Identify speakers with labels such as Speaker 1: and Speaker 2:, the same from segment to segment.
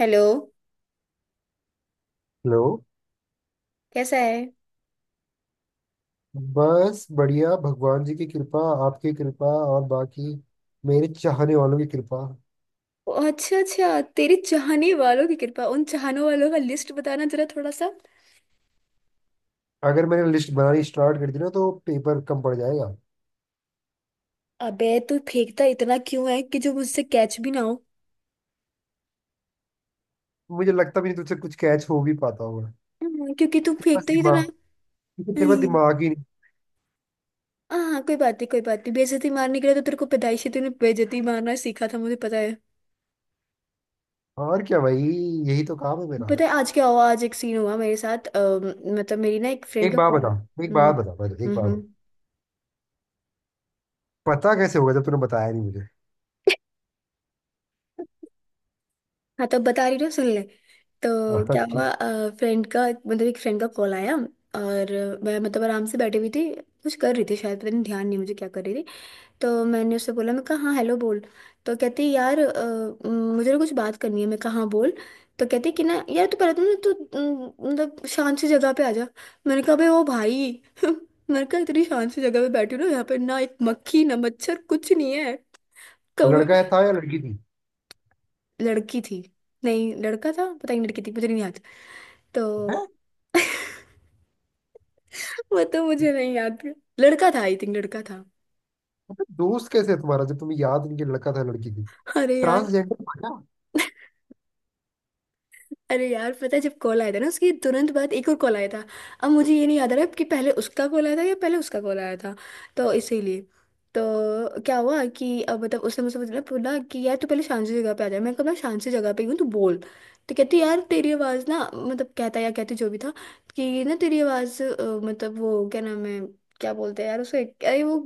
Speaker 1: Hello.
Speaker 2: Hello.
Speaker 1: कैसा है?
Speaker 2: बस बढ़िया, भगवान जी की कृपा, आपकी कृपा और बाकी मेरे चाहने वालों की कृपा।
Speaker 1: अच्छा अच्छा, तेरे चाहने वालों की कृपा। उन चाहने वालों का लिस्ट बताना जरा थोड़ा सा।
Speaker 2: अगर मैंने लिस्ट बनानी स्टार्ट कर दी ना तो पेपर कम पड़ जाएगा।
Speaker 1: अबे, तू फेंकता इतना क्यों है कि जो मुझसे कैच भी ना हो?
Speaker 2: मुझे लगता भी नहीं तुझसे कुछ कैच हो भी पाता होगा।
Speaker 1: क्योंकि तू
Speaker 2: तेरे पास
Speaker 1: फेंकता ही इतना
Speaker 2: दिमाग
Speaker 1: है।
Speaker 2: तेरे पास
Speaker 1: हम्म।
Speaker 2: दिमाग ही नहीं।
Speaker 1: हाँ, कोई बात नहीं कोई बात नहीं। बेइज्जती मारने के लिए तो तेरे को पैदाइशी, तूने बेइज्जती मारना सीखा था, मुझे पता है।
Speaker 2: और क्या भाई, यही तो काम है मेरा।
Speaker 1: पता है आज क्या हुआ? आज एक सीन हुआ मेरे साथ। मतलब मेरी ना एक फ्रेंड
Speaker 2: एक
Speaker 1: का
Speaker 2: बात
Speaker 1: कॉल।
Speaker 2: बता एक
Speaker 1: हम्म
Speaker 2: बात बता।
Speaker 1: हम्म।
Speaker 2: पता कैसे होगा जब तूने बताया नहीं मुझे।
Speaker 1: हाँ, तब बता रही ना, सुन ले। तो
Speaker 2: हाँ,
Speaker 1: क्या हुआ?
Speaker 2: ठीक।
Speaker 1: फ्रेंड का मतलब एक फ्रेंड का कॉल आया। और मैं, मतलब, आराम से बैठी हुई थी। कुछ कर रही थी शायद, पता नहीं, ध्यान नहीं मुझे क्या कर रही थी। तो मैंने उससे बोला, मैं कहा, हाँ हेलो बोल। तो कहती यार, मुझे ना कुछ बात करनी है। मैं कहा, हाँ बोल। तो कहती कि ना यार, तू पहले तो ना, तू, मतलब शांत सी जगह पे आ जा। मैंने कहा भाई, ओ भाई मैंने कहा इतनी शांत सी जगह पे बैठी हूँ ना, यहाँ पे ना एक मक्खी ना मच्छर, कुछ नहीं है।
Speaker 2: लड़का है था या लड़की थी?
Speaker 1: लड़की थी। नहीं, लड़का था, पता नहीं, लड़की थी, मुझे नहीं याद।
Speaker 2: है?
Speaker 1: तो वो तो मुझे नहीं याद। लड़का था, आई थिंक लड़का था।
Speaker 2: दोस्त कैसे है तुम्हारा जब तुम्हें याद नहीं कि लड़का था या लड़की थी?
Speaker 1: अरे यार।
Speaker 2: ट्रांसजेंडर था क्या?
Speaker 1: अरे यार, पता है जब कॉल आया था ना, उसके तुरंत बाद एक और कॉल आया था। अब मुझे ये नहीं याद आ रहा कि पहले उसका कॉल आया था या पहले उसका कॉल आया था। तो इसीलिए। तो क्या हुआ कि अब मतलब उसने मुझसे बोला बोला कि यार, तू पहले शांत सी जगह पे आ जा। मैं कहा, मैं शांत सी जगह पे ही हूँ, तू बोल। तो कहती यार, तेरी आवाज़ ना, मतलब कहता या कहती जो भी था, कि ना तेरी आवाज़, मतलब वो क्या नाम है, क्या बोलते हैं यार उसे, अरे वो,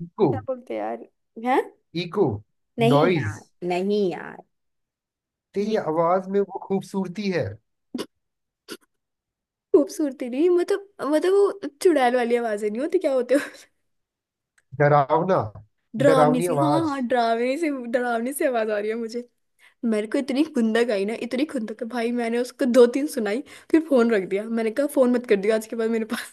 Speaker 2: किसको?
Speaker 1: क्या बोलते हैं यार? हैं?
Speaker 2: इको?
Speaker 1: नहीं यार।
Speaker 2: नॉइज?
Speaker 1: नहीं यार।
Speaker 2: तेरी आवाज में वो खूबसूरती है।
Speaker 1: खूबसूरती नहीं, मतलब, मतलब वो चुड़ैल वाली आवाज़ें नहीं होती क्या होते?
Speaker 2: डरावना।
Speaker 1: डरावनी
Speaker 2: डरावनी
Speaker 1: सी, हाँ
Speaker 2: आवाज।
Speaker 1: हाँ, डरावनी से डरावनी सी आवाज आ रही है मुझे। मेरे को इतनी खुंदक आई ना, इतनी खुंदक, भाई मैंने उसको दो तीन सुनाई। फिर फोन रख दिया, मैंने कहा फोन मत कर दिया आज के बाद मेरे पास।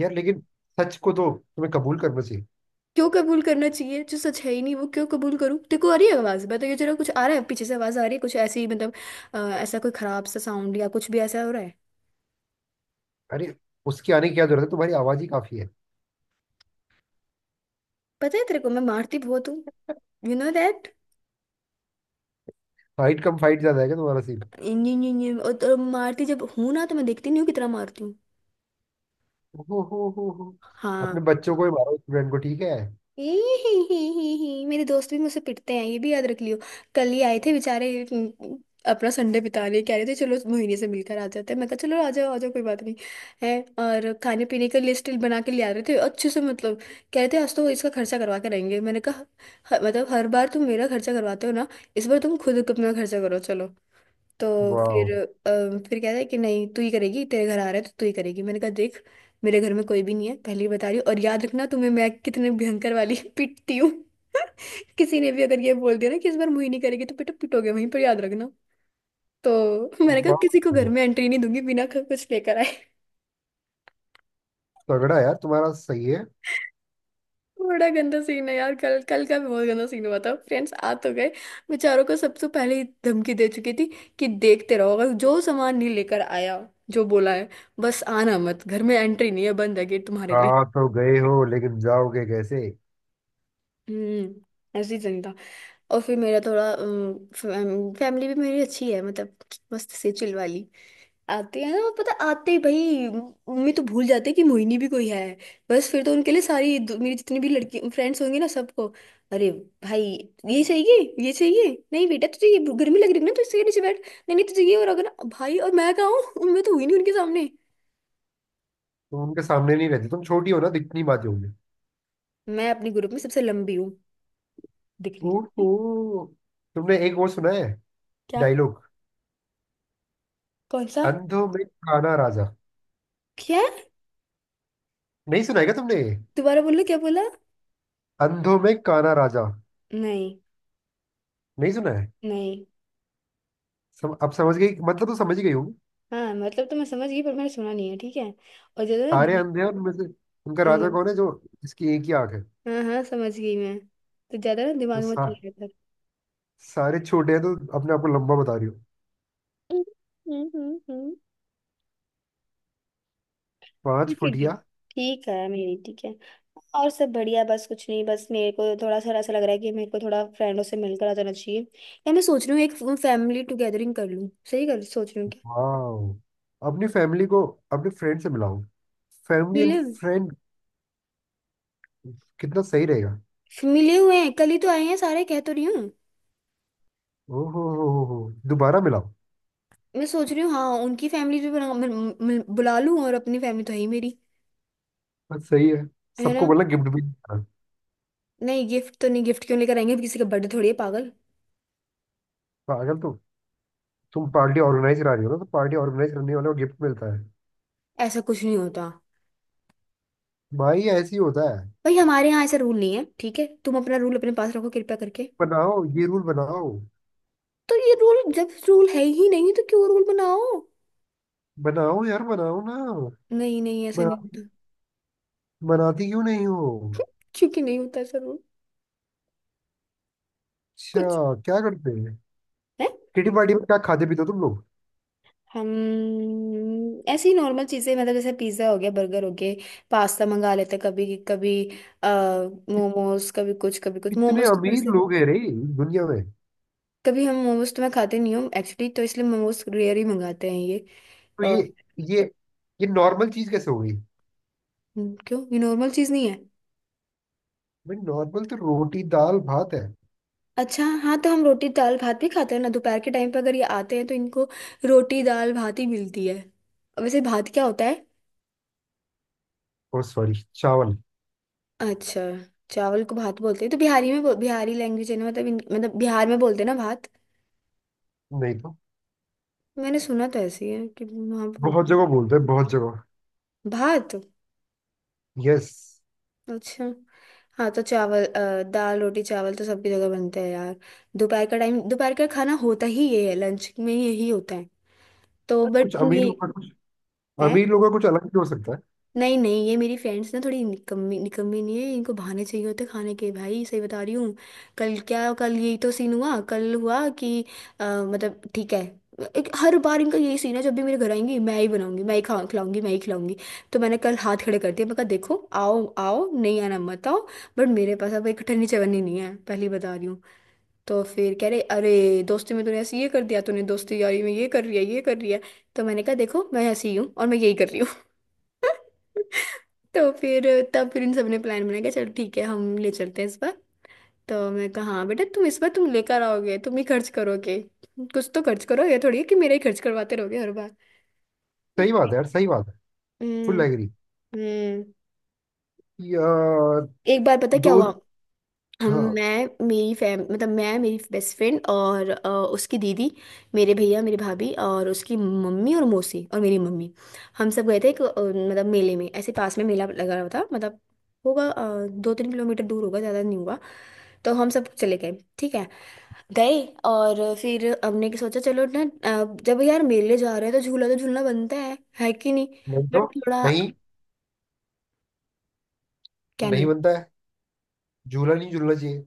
Speaker 2: यार लेकिन सच को तो तुम्हें कबूल करना चाहिए।
Speaker 1: क्यों कबूल करना चाहिए? जो सच है ही नहीं, वो क्यों कबूल करूँ? देखो, आ रही है आवाज, बताइए जरा, कुछ आ रहा है, पीछे से आवाज आ रही है कुछ ऐसी मतलब। ऐसा कोई खराब सा साउंड या कुछ भी ऐसा हो रहा है?
Speaker 2: अरे, उसके आने की क्या जरूरत है, तुम्हारी आवाज ही काफी है।
Speaker 1: पता है तेरे को, मैं मारती बहुत हूँ, यू नो दैट।
Speaker 2: फाइट कम फाइट ज्यादा है क्या तुम्हारा सीन?
Speaker 1: और मारती जब हूँ ना तो मैं देखती नहीं हूँ कितना मारती हूँ।
Speaker 2: हो हो।
Speaker 1: हाँ।
Speaker 2: अपने बच्चों को ही मारो, स्टूडेंट को। ठीक है।
Speaker 1: ही ही ही। मेरे दोस्त भी मुझसे पिटते हैं, ये भी याद रख लियो। कल ही आए थे बेचारे। अपना संडे बिता लिए, कह रहे थे चलो मोहिनी से मिलकर आ जाते हैं। मैं कहा, चलो आ जाओ कोई बात नहीं है। और खाने पीने का लिस्ट बना के ले आ रहे थे अच्छे से, मतलब कह रहे थे आज तो इसका खर्चा करवा के रहेंगे। मैंने कहा, मतलब हर बार तुम मेरा खर्चा करवाते हो ना, इस बार तुम खुद अपना खर्चा करो चलो। तो फिर,
Speaker 2: वाह,
Speaker 1: फिर कहता है कि नहीं, तू ही करेगी, तेरे घर आ रहा है तो तू ही करेगी। मैंने कहा देख, मेरे घर में कोई भी नहीं है, पहले ही बता रही हूँ, और याद रखना, तुम्हें मैं कितने भयंकर वाली पिटती हूँ। किसी ने भी अगर ये बोल दिया ना कि इस बार मुही नहीं करेगी, तो बेटा पिटोगे वहीं पर, याद रखना। तो मैंने कहा
Speaker 2: वाह,
Speaker 1: किसी को घर में एंट्री नहीं दूंगी बिना कुछ लेकर आए।
Speaker 2: तगड़ा यार तुम्हारा, सही है।
Speaker 1: बड़ा गंदा सीन है यार। कल कल का भी बहुत गंदा सीन हुआ था। फ्रेंड्स आ तो गए, बेचारों को सबसे पहले ही धमकी दे चुकी थी कि देखते रहो, अगर जो सामान नहीं लेकर आया, जो बोला है, बस आना मत, घर में एंट्री नहीं है, बंद है गेट तुम्हारे लिए।
Speaker 2: हाँ तो गए हो, लेकिन जाओगे कैसे?
Speaker 1: हम्म, ऐसी सीन था। और फिर मेरा थोड़ा, फैमिली भी मेरी अच्छी है, मतलब मस्त से चिल वाली। आते हैं ना, और पता आते ही भाई, मम्मी तो भूल जाते हैं कि मोहिनी भी कोई है। बस फिर तो उनके लिए मेरी जितनी भी लड़की फ्रेंड्स होंगी ना, सबको, अरे भाई, ये चाहिए ये चाहिए, नहीं बेटा तुझे ये गर्मी लग रही है ना तो इसके नीचे बैठ, नहीं नहीं तुझे ये, और अगर भाई, और मैं कहाँ हूँ। मैं तो हुई नहीं उनके सामने।
Speaker 2: तुम उनके सामने नहीं रहते, तुम छोटी हो ना, दिखनी बातें होंगी।
Speaker 1: मैं अपने ग्रुप में सबसे लंबी हूँ, दिखने को।
Speaker 2: ओहो। तुमने एक वो सुना है?
Speaker 1: क्या?
Speaker 2: डायलॉग।
Speaker 1: कौन सा?
Speaker 2: अंधों में काना राजा।
Speaker 1: क्या?
Speaker 2: नहीं सुना है क्या तुमने ये?
Speaker 1: दोबारा बोलो क्या बोला?
Speaker 2: अंधों में काना राजा।
Speaker 1: नहीं।
Speaker 2: नहीं सुना है।
Speaker 1: नहीं।
Speaker 2: अब समझ गई, मतलब तो समझ ही गई होगी।
Speaker 1: हाँ, मतलब तो मैं समझ गई, पर मैंने सुना नहीं है, ठीक है? और ज्यादा
Speaker 2: सारे अंधे हैं उनमें से, उनका
Speaker 1: ना।
Speaker 2: राजा कौन है जो, इसकी एक ही आंख है।
Speaker 1: हाँ हाँ, समझ गई मैं। तो ज्यादा ना
Speaker 2: तो
Speaker 1: दिमाग मत
Speaker 2: सा,
Speaker 1: चलाया कर।
Speaker 2: सारे छोटे हैं तो अपने आप को लंबा बता रही हो।
Speaker 1: हम्म।
Speaker 2: पांच
Speaker 1: ठीक ठीक।
Speaker 2: फुटिया।
Speaker 1: ठीक है, मेरी ठीक है। और सब बढ़िया, बस कुछ नहीं, बस मेरे को थोड़ा सा ऐसा लग रहा है कि मेरे को थोड़ा फ्रेंडों से मिलकर आ जाना चाहिए, या मैं सोच रही हूँ एक फैमिली टुगेदरिंग कर लूँ। सही कर सोच रही हूँ क्या?
Speaker 2: वाह, अपनी फैमिली को अपने फ्रेंड से मिलाओ। फैमिली एंड
Speaker 1: मिले।
Speaker 2: फ्रेंड, कितना सही रहेगा।
Speaker 1: मिले हुए हैं कल ही तो आए हैं सारे, कह तो रही हूँ।
Speaker 2: ओहो हो हो। दोबारा मिलाओ।
Speaker 1: मैं सोच रही हूँ, हाँ, उनकी फैमिली भी बुला लूँ, और अपनी फैमिली तो है ही मेरी।
Speaker 2: बस सही है।
Speaker 1: है ना?
Speaker 2: सबको बोला गिफ्ट भी देना।
Speaker 1: नहीं, गिफ्ट तो नहीं, गिफ्ट क्यों लेकर आएंगे? किसी का बर्थडे थोड़ी है, पागल!
Speaker 2: पागल तो तुम, पार्टी ऑर्गेनाइज करा रही हो ना, तो पार्टी ऑर्गेनाइज करने वाले को गिफ्ट मिलता है।
Speaker 1: ऐसा कुछ नहीं होता।
Speaker 2: भाई ऐसे ही होता है।
Speaker 1: भाई हमारे यहाँ ऐसा रूल नहीं है, ठीक है? तुम अपना रूल अपने पास रखो कृपया करके।
Speaker 2: बनाओ, ये रूल बनाओ।
Speaker 1: तो ये रूल, जब रूल है ही नहीं तो क्यों रूल बनाओ?
Speaker 2: बनाओ यार, बनाओ ना।
Speaker 1: नहीं नहीं, ऐसा नहीं
Speaker 2: बना,
Speaker 1: होता।
Speaker 2: बनाती क्यों नहीं हो?
Speaker 1: क्योंकि नहीं होता ऐसा रूल। कुछ
Speaker 2: अच्छा, क्या करते हैं?
Speaker 1: है।
Speaker 2: किटी पार्टी में क्या खाते पीते हो तुम लोग?
Speaker 1: हम, ऐसी नॉर्मल चीजें मतलब, जैसे पिज्जा हो गया, बर्गर हो गए, पास्ता मंगा लेते हैं, कभी कभी आ
Speaker 2: इत-
Speaker 1: मोमोज, कभी कुछ कभी कुछ।
Speaker 2: इतने
Speaker 1: मोमोज तो
Speaker 2: अमीर
Speaker 1: वैसे,
Speaker 2: लोग हैं रे दुनिया में?
Speaker 1: कभी हम मोमोज, तो मैं खाते नहीं हूँ एक्चुअली, तो इसलिए मोमोज रेयर ही मंगाते हैं ये।
Speaker 2: तो
Speaker 1: अ,
Speaker 2: ये ये ये नॉर्मल चीज कैसे हो गई?
Speaker 1: क्यों ये नॉर्मल चीज नहीं है?
Speaker 2: भाई नॉर्मल तो रोटी दाल भात है।
Speaker 1: अच्छा, हाँ तो हम रोटी दाल भात भी खाते हैं ना, दोपहर के टाइम पे अगर ये आते हैं तो इनको रोटी दाल भात ही मिलती है। वैसे भात क्या होता है?
Speaker 2: और सॉरी, चावल।
Speaker 1: अच्छा, चावल को भात बोलते हैं तो। बिहारी लैंग्वेज है ना, मतलब बिहार में बोलते हैं ना भात।
Speaker 2: नहीं तो।
Speaker 1: मैंने सुना तो ऐसे ही है कि वहाँ
Speaker 2: बहुत
Speaker 1: बोलते हैं
Speaker 2: जगह बोलते हैं, बहुत जगह।
Speaker 1: भात।
Speaker 2: यस।
Speaker 1: अच्छा। हाँ तो चावल, दाल रोटी चावल तो सबकी जगह बनते हैं यार। दोपहर का टाइम, दोपहर का खाना होता ही ये है, लंच में यही होता है तो।
Speaker 2: कुछ
Speaker 1: बट
Speaker 2: अमीर
Speaker 1: नहीं।
Speaker 2: लोगों का कुछ, अलग भी हो सकता है।
Speaker 1: नहीं नहीं, ये मेरी फ्रेंड्स ना, थोड़ी निकम्मी, निकम्मी नहीं है, इनको बहाने चाहिए होते खाने के, भाई सही बता रही हूँ। कल क्या, कल यही तो सीन हुआ, कल हुआ कि, मतलब ठीक है, एक हर बार इनका यही सीन है, जब भी मेरे घर आएंगी, मैं ही बनाऊंगी, मैं ही खा खिलाऊंगी, मैं ही खिलाऊंगी। तो मैंने कल हाथ खड़े कर दिए, मैं कहा देखो, आओ आओ, नहीं आना मत आओ, बट मेरे पास अब एक ठन्नी चवन्नी नहीं है, पहली बता रही हूँ। तो फिर कह रहे अरे दोस्ती में तूने ऐसे ये कर दिया, तूने दोस्ती यारी में ये कर रही है ये कर रही है। तो मैंने कहा देखो, मैं ऐसी ही हूँ और मैं यही कर रही हूँ। तो फिर, तब फिर इन सबने प्लान बनाया कि चलो ठीक है, हम ले चलते हैं इस बार। तो मैं कहा हाँ बेटा, तुम इस बार तुम लेकर आओगे, तुम ही खर्च करोगे, कुछ तो खर्च करो, ये थोड़ी है कि मेरे ही खर्च करवाते रहोगे हर बार।
Speaker 2: सही बात है यार, सही बात है।
Speaker 1: हम्म।
Speaker 2: Full agree.
Speaker 1: हम्म।
Speaker 2: यार
Speaker 1: एक बार, पता क्या
Speaker 2: दो।
Speaker 1: हुआ, हम,
Speaker 2: हाँ।
Speaker 1: मैं, मेरी फैम मतलब, मैं, मेरी बेस्ट फ्रेंड और, उसकी दीदी, मेरे भैया, मेरी भाभी और उसकी मम्मी और मौसी और मेरी मम्मी, हम सब गए थे एक, मतलब मेले में, ऐसे पास में मेला लगा हुआ था, मतलब होगा 2-3 किलोमीटर दूर होगा, ज़्यादा नहीं होगा। तो हम सब चले गए। ठीक है। गए और फिर हमने कि सोचा चलो ना, जब यार मेले जा रहे हैं तो झूला तो झूलना बनता है कि नहीं?
Speaker 2: नहीं
Speaker 1: बट
Speaker 2: तो।
Speaker 1: थोड़ा,
Speaker 2: नहीं,
Speaker 1: क्या
Speaker 2: नहीं
Speaker 1: नहीं?
Speaker 2: बनता है। झूला नहीं झूलना चाहिए।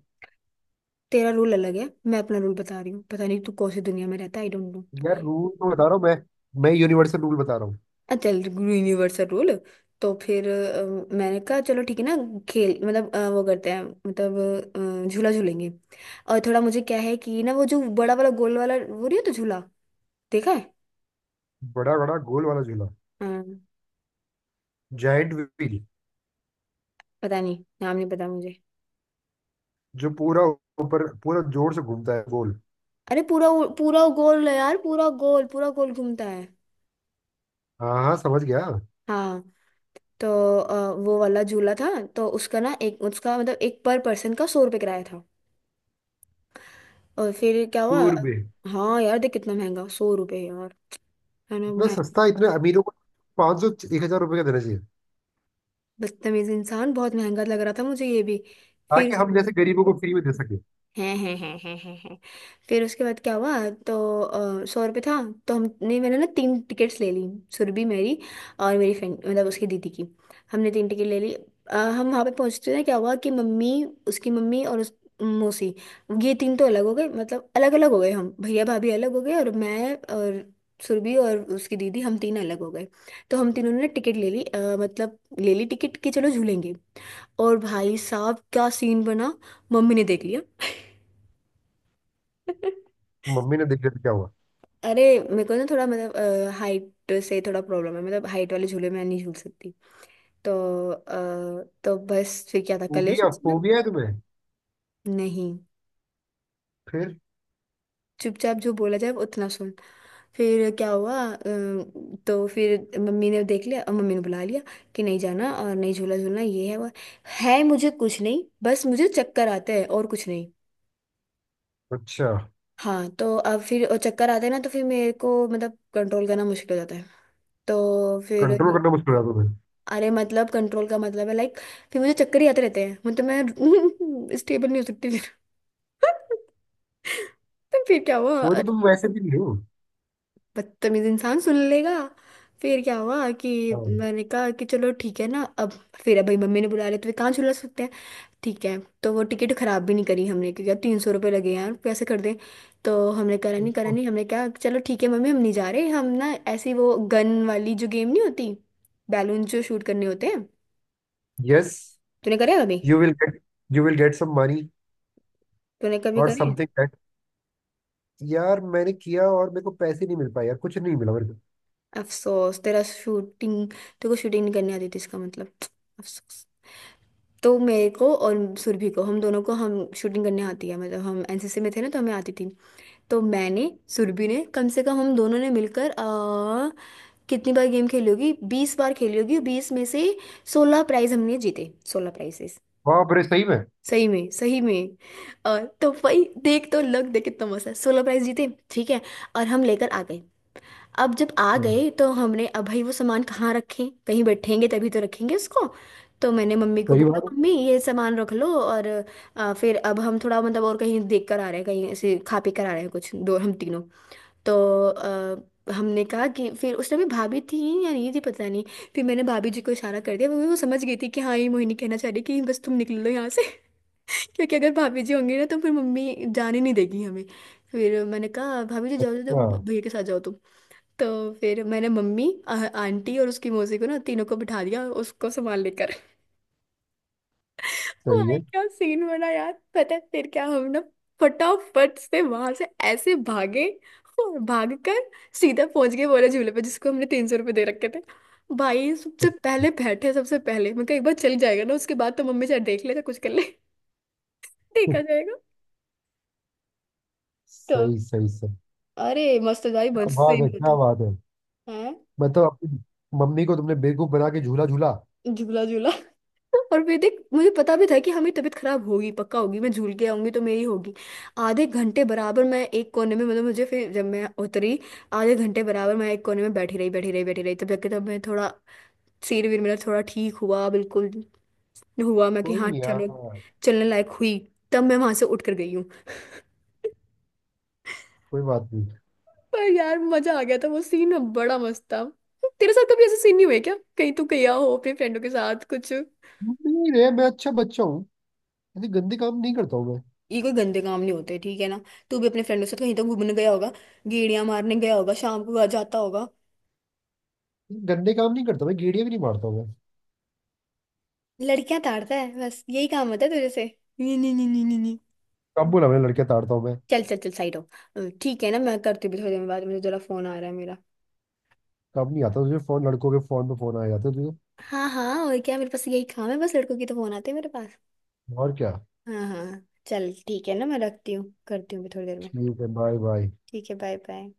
Speaker 1: तेरा रूल अलग है, मैं अपना रूल बता रही हूँ, पता नहीं तू कौन सी दुनिया में रहता है, आई डोंट नो।
Speaker 2: यार रूल तो बता रहा हूँ मैं यूनिवर्सल रूल बता रहा हूँ।
Speaker 1: चल। Universal rule. तो फिर, मैंने कहा चलो ठीक है ना, खेल मतलब, वो करते हैं मतलब, झूला झूलेंगे। और थोड़ा मुझे क्या है कि ना वो जो बड़ा वाला गोल वाला, वो नहीं होता झूला? देखा है?
Speaker 2: बड़ा बड़ा गोल वाला झूला।
Speaker 1: हाँ,
Speaker 2: जाइंट व्हील,
Speaker 1: पता नहीं नाम नहीं पता मुझे।
Speaker 2: जो पूरा ऊपर पूरा जोर से घूमता है, गोल।
Speaker 1: अरे पूरा पूरा गोल है यार, पूरा गोल, पूरा गोल घूमता है।
Speaker 2: हाँ हाँ समझ गया।
Speaker 1: हाँ। तो, वो वाला झूला था। तो उसका ना एक, उसका मतलब एक पर पर्सन का 100 रुपये किराया था। और फिर क्या हुआ?
Speaker 2: टूर में।
Speaker 1: हाँ यार देख, कितना महंगा, 100 रुपये यार, है ना?
Speaker 2: इतना सस्ता? इतने अमीरों को पाँच सौ, एक हजार रुपये का देना चाहिए,
Speaker 1: बदतमीज इंसान। बहुत महंगा लग रहा था मुझे ये भी। फिर
Speaker 2: ताकि
Speaker 1: उस-
Speaker 2: हम जैसे गरीबों को फ्री में दे सके।
Speaker 1: हैं हैं। फिर उसके बाद क्या हुआ। तो सौ रुपये था। तो हमने मैंने ना तीन टिकट्स ले ली। सुरभि मेरी और मेरी फ्रेंड मतलब उसकी दीदी की, हमने तीन टिकट ले ली। हम वहाँ पे पहुँचते ना क्या हुआ कि मम्मी, उसकी मम्मी और उस मौसी, ये तीन तो अलग हो गए, मतलब अलग अलग हो गए। हम भैया भाभी अलग हो गए और मैं और सुरभि और उसकी दीदी हम तीन अलग हो गए। तो हम तीनों ने टिकट ले ली, मतलब ले ली टिकट कि चलो झूलेंगे। और भाई साहब क्या सीन बना, मम्मी ने देख लिया।
Speaker 2: मम्मी ने देख लिया तो क्या हुआ?
Speaker 1: अरे मेरे को ना थोड़ा मतलब हाइट से थोड़ा प्रॉब्लम है, मतलब हाइट वाले झूले में नहीं झूल सकती। तो तो बस फिर क्या था, कलेश
Speaker 2: फोबिया,
Speaker 1: मतलब।
Speaker 2: फोबिया है तुम्हें?
Speaker 1: नहीं,
Speaker 2: फिर?
Speaker 1: चुपचाप जो बोला जाए उतना सुन। फिर क्या हुआ, तो फिर मम्मी ने देख लिया और मम्मी ने बुला लिया कि नहीं जाना और नहीं झूला झूलना, ये है वो है। है मुझे कुछ नहीं, बस मुझे चक्कर आते हैं और कुछ नहीं।
Speaker 2: अच्छा।
Speaker 1: हाँ तो अब फिर और चक्कर आते हैं ना, तो फिर मेरे को मतलब कंट्रोल करना मुश्किल हो जाता है। तो फिर
Speaker 2: कंट्रोल करना मुश्किल है तुम्हें?
Speaker 1: अरे मतलब कंट्रोल का मतलब है लाइक, फिर मुझे चक्कर ही आते रहते हैं मतलब मैं स्टेबल नहीं हो सकती फिर। तो फिर क्या
Speaker 2: वो
Speaker 1: हुआ।
Speaker 2: तो तुम वैसे भी नहीं हो।
Speaker 1: बदतमीज इंसान सुन लेगा। फिर क्या हुआ कि
Speaker 2: हाँ।
Speaker 1: मैंने कहा कि चलो ठीक है ना अब। फिर अब भाई मम्मी ने बुला लिया तो फिर कहाँ झुला सकते हैं। ठीक है। तो वो टिकट खराब भी नहीं करी हमने क्योंकि अब 300 रुपये लगे यार, कैसे कर दें। तो हमने करा नहीं करा नहीं, हमने कहा चलो ठीक है मम्मी हम नहीं जा रहे। हम ना ऐसी वो गन वाली जो गेम नहीं होती, बैलून जो शूट करने होते हैं,
Speaker 2: यस।
Speaker 1: तूने करे कभी।
Speaker 2: You will get you will get some money
Speaker 1: तूने कभी
Speaker 2: और
Speaker 1: करे।
Speaker 2: Something that. यार मैंने किया और मेरे को पैसे नहीं मिल पाए यार, कुछ नहीं मिला मेरे को।
Speaker 1: अफसोस तेरा। शूटिंग, तेरे को शूटिंग नहीं करनी आती थी इसका मतलब। अफसोस। तो मेरे को और सुरभि को हम दोनों को हम शूटिंग करने आती है, मतलब हम एनसीसी में थे ना तो हमें आती थी। तो मैंने सुरभि ने कम से कम हम दोनों ने मिलकर कितनी बार गेम खेली होगी, 20 बार खेली होगी। बीस में से 16 प्राइज हमने जीते, 16 प्राइजेस।
Speaker 2: बाप रे, सही में?
Speaker 1: सही में सही में। और तो भाई देख तो, लग देख कितना मस्त है, 16 प्राइज जीते ठीक है। और हम लेकर आ गए। अब जब आ
Speaker 2: हाँ,
Speaker 1: गए तो हमने अब भाई वो सामान कहाँ रखें, कहीं बैठेंगे तभी तो रखेंगे उसको। तो मैंने मम्मी को
Speaker 2: सही
Speaker 1: बोला
Speaker 2: बात है।
Speaker 1: मम्मी ये सामान रख लो, और फिर अब हम थोड़ा मतलब और कहीं देख कर आ रहे हैं, कहीं ऐसे खा पी कर आ रहे हैं कुछ दो, हम तीनों। तो हमने कहा कि फिर उस टाइम पे भाभी थी या नहीं थी पता नहीं। फिर मैंने भाभी जी को इशारा कर दिया, वो समझ गई थी कि हाँ ये मोहिनी कहना चाह रही है कि बस तुम निकल लो यहाँ से। क्योंकि अगर भाभी जी होंगी ना तो फिर मम्मी जाने नहीं देगी हमें। फिर मैंने कहा भाभी जी जाओ जाओ जाओ,
Speaker 2: हाँ
Speaker 1: भैया के साथ जाओ तुम। तो फिर मैंने मम्मी आंटी और उसकी मौसी को ना तीनों को बिठा दिया उसको संभाल लेकर।
Speaker 2: सही
Speaker 1: भाई
Speaker 2: है।
Speaker 1: क्या सीन बना यार, पता है फिर क्या, हम ना फटाफट से वहां से ऐसे भागे, और भाग कर सीधा पहुंच गए वाले झूले पे जिसको हमने 300 रुपये दे रखे थे। भाई सबसे पहले बैठे, सबसे पहले मैं कहा एक बार चल जाएगा ना उसके बाद तो मम्मी चाहे देख ले चाहे कुछ कर ले। देखा जाएगा। तो
Speaker 2: सही सही सही।
Speaker 1: अरे मस्त भाई
Speaker 2: क्या
Speaker 1: मस्त
Speaker 2: बात है,
Speaker 1: सीन
Speaker 2: क्या
Speaker 1: होता
Speaker 2: बात है।
Speaker 1: है।
Speaker 2: मतलब अपनी मम्मी को तुमने बेवकूफ बना के झूला झूला।
Speaker 1: झूला झूला। और फिर देख मुझे पता भी था कि हमें तबीयत खराब होगी पक्का होगी, मैं झूल के आऊंगी तो मेरी होगी। आधे घंटे बराबर मैं एक कोने में, मतलब मुझे फिर जब मैं उतरी आधे घंटे बराबर मैं एक कोने में बैठी रही बैठी रही बैठी रही, तब जाके तब मैं थोड़ा सिर वीर मेरा थोड़ा ठीक हुआ। बिल्कुल हुआ मैं कि
Speaker 2: कोई
Speaker 1: हाँ
Speaker 2: नहीं यार,
Speaker 1: चलो
Speaker 2: कोई
Speaker 1: चलने लायक हुई, तब मैं वहां से उठ कर गई हूँ।
Speaker 2: बात नहीं।
Speaker 1: पर यार मजा आ गया था, वो सीन बड़ा मस्त था। तेरे साथ कभी ऐसा सीन नहीं हुआ है क्या, कहीं तू गया हो अपने फ्रेंडों के साथ कुछ।
Speaker 2: नहीं रे, मैं अच्छा बच्चा हूँ, ऐसे गंदे काम नहीं करता हूँ मैं।
Speaker 1: ये कोई गंदे काम नहीं होते ठीक है ना, तू भी अपने फ्रेंडों के साथ कहीं तो घूमने गया होगा, गेड़िया मारने गया होगा शाम को घर जाता होगा।
Speaker 2: गंदे काम नहीं करता मैं, गेड़िया भी नहीं मारता हूँ मैं।
Speaker 1: लड़कियां ताड़ता है बस यही काम होता है तुझे से। नहीं नहीं नहीं नहीं नहीं नहीं।
Speaker 2: कब बोला मैंने लड़के ताड़ता हूँ मैं?
Speaker 1: चल चल चल साइड हो। ठीक है ना, मैं करती हूँ थोड़ी देर में बात, मुझे जरा फोन आ रहा है मेरा।
Speaker 2: कब नहीं आता तुझे फोन, लड़कों के फोन पे फोन आ जाते हैं तुझे।
Speaker 1: हाँ हाँ और क्या, मेरे पास यही काम है बस, लड़कों की तो फोन आते हैं मेरे पास।
Speaker 2: और क्या।
Speaker 1: हाँ हाँ। चल ठीक है ना, मैं रखती हूँ करती हूँ भी थोड़ी देर में।
Speaker 2: ठीक है, बाय बाय।
Speaker 1: ठीक है बाय बाय।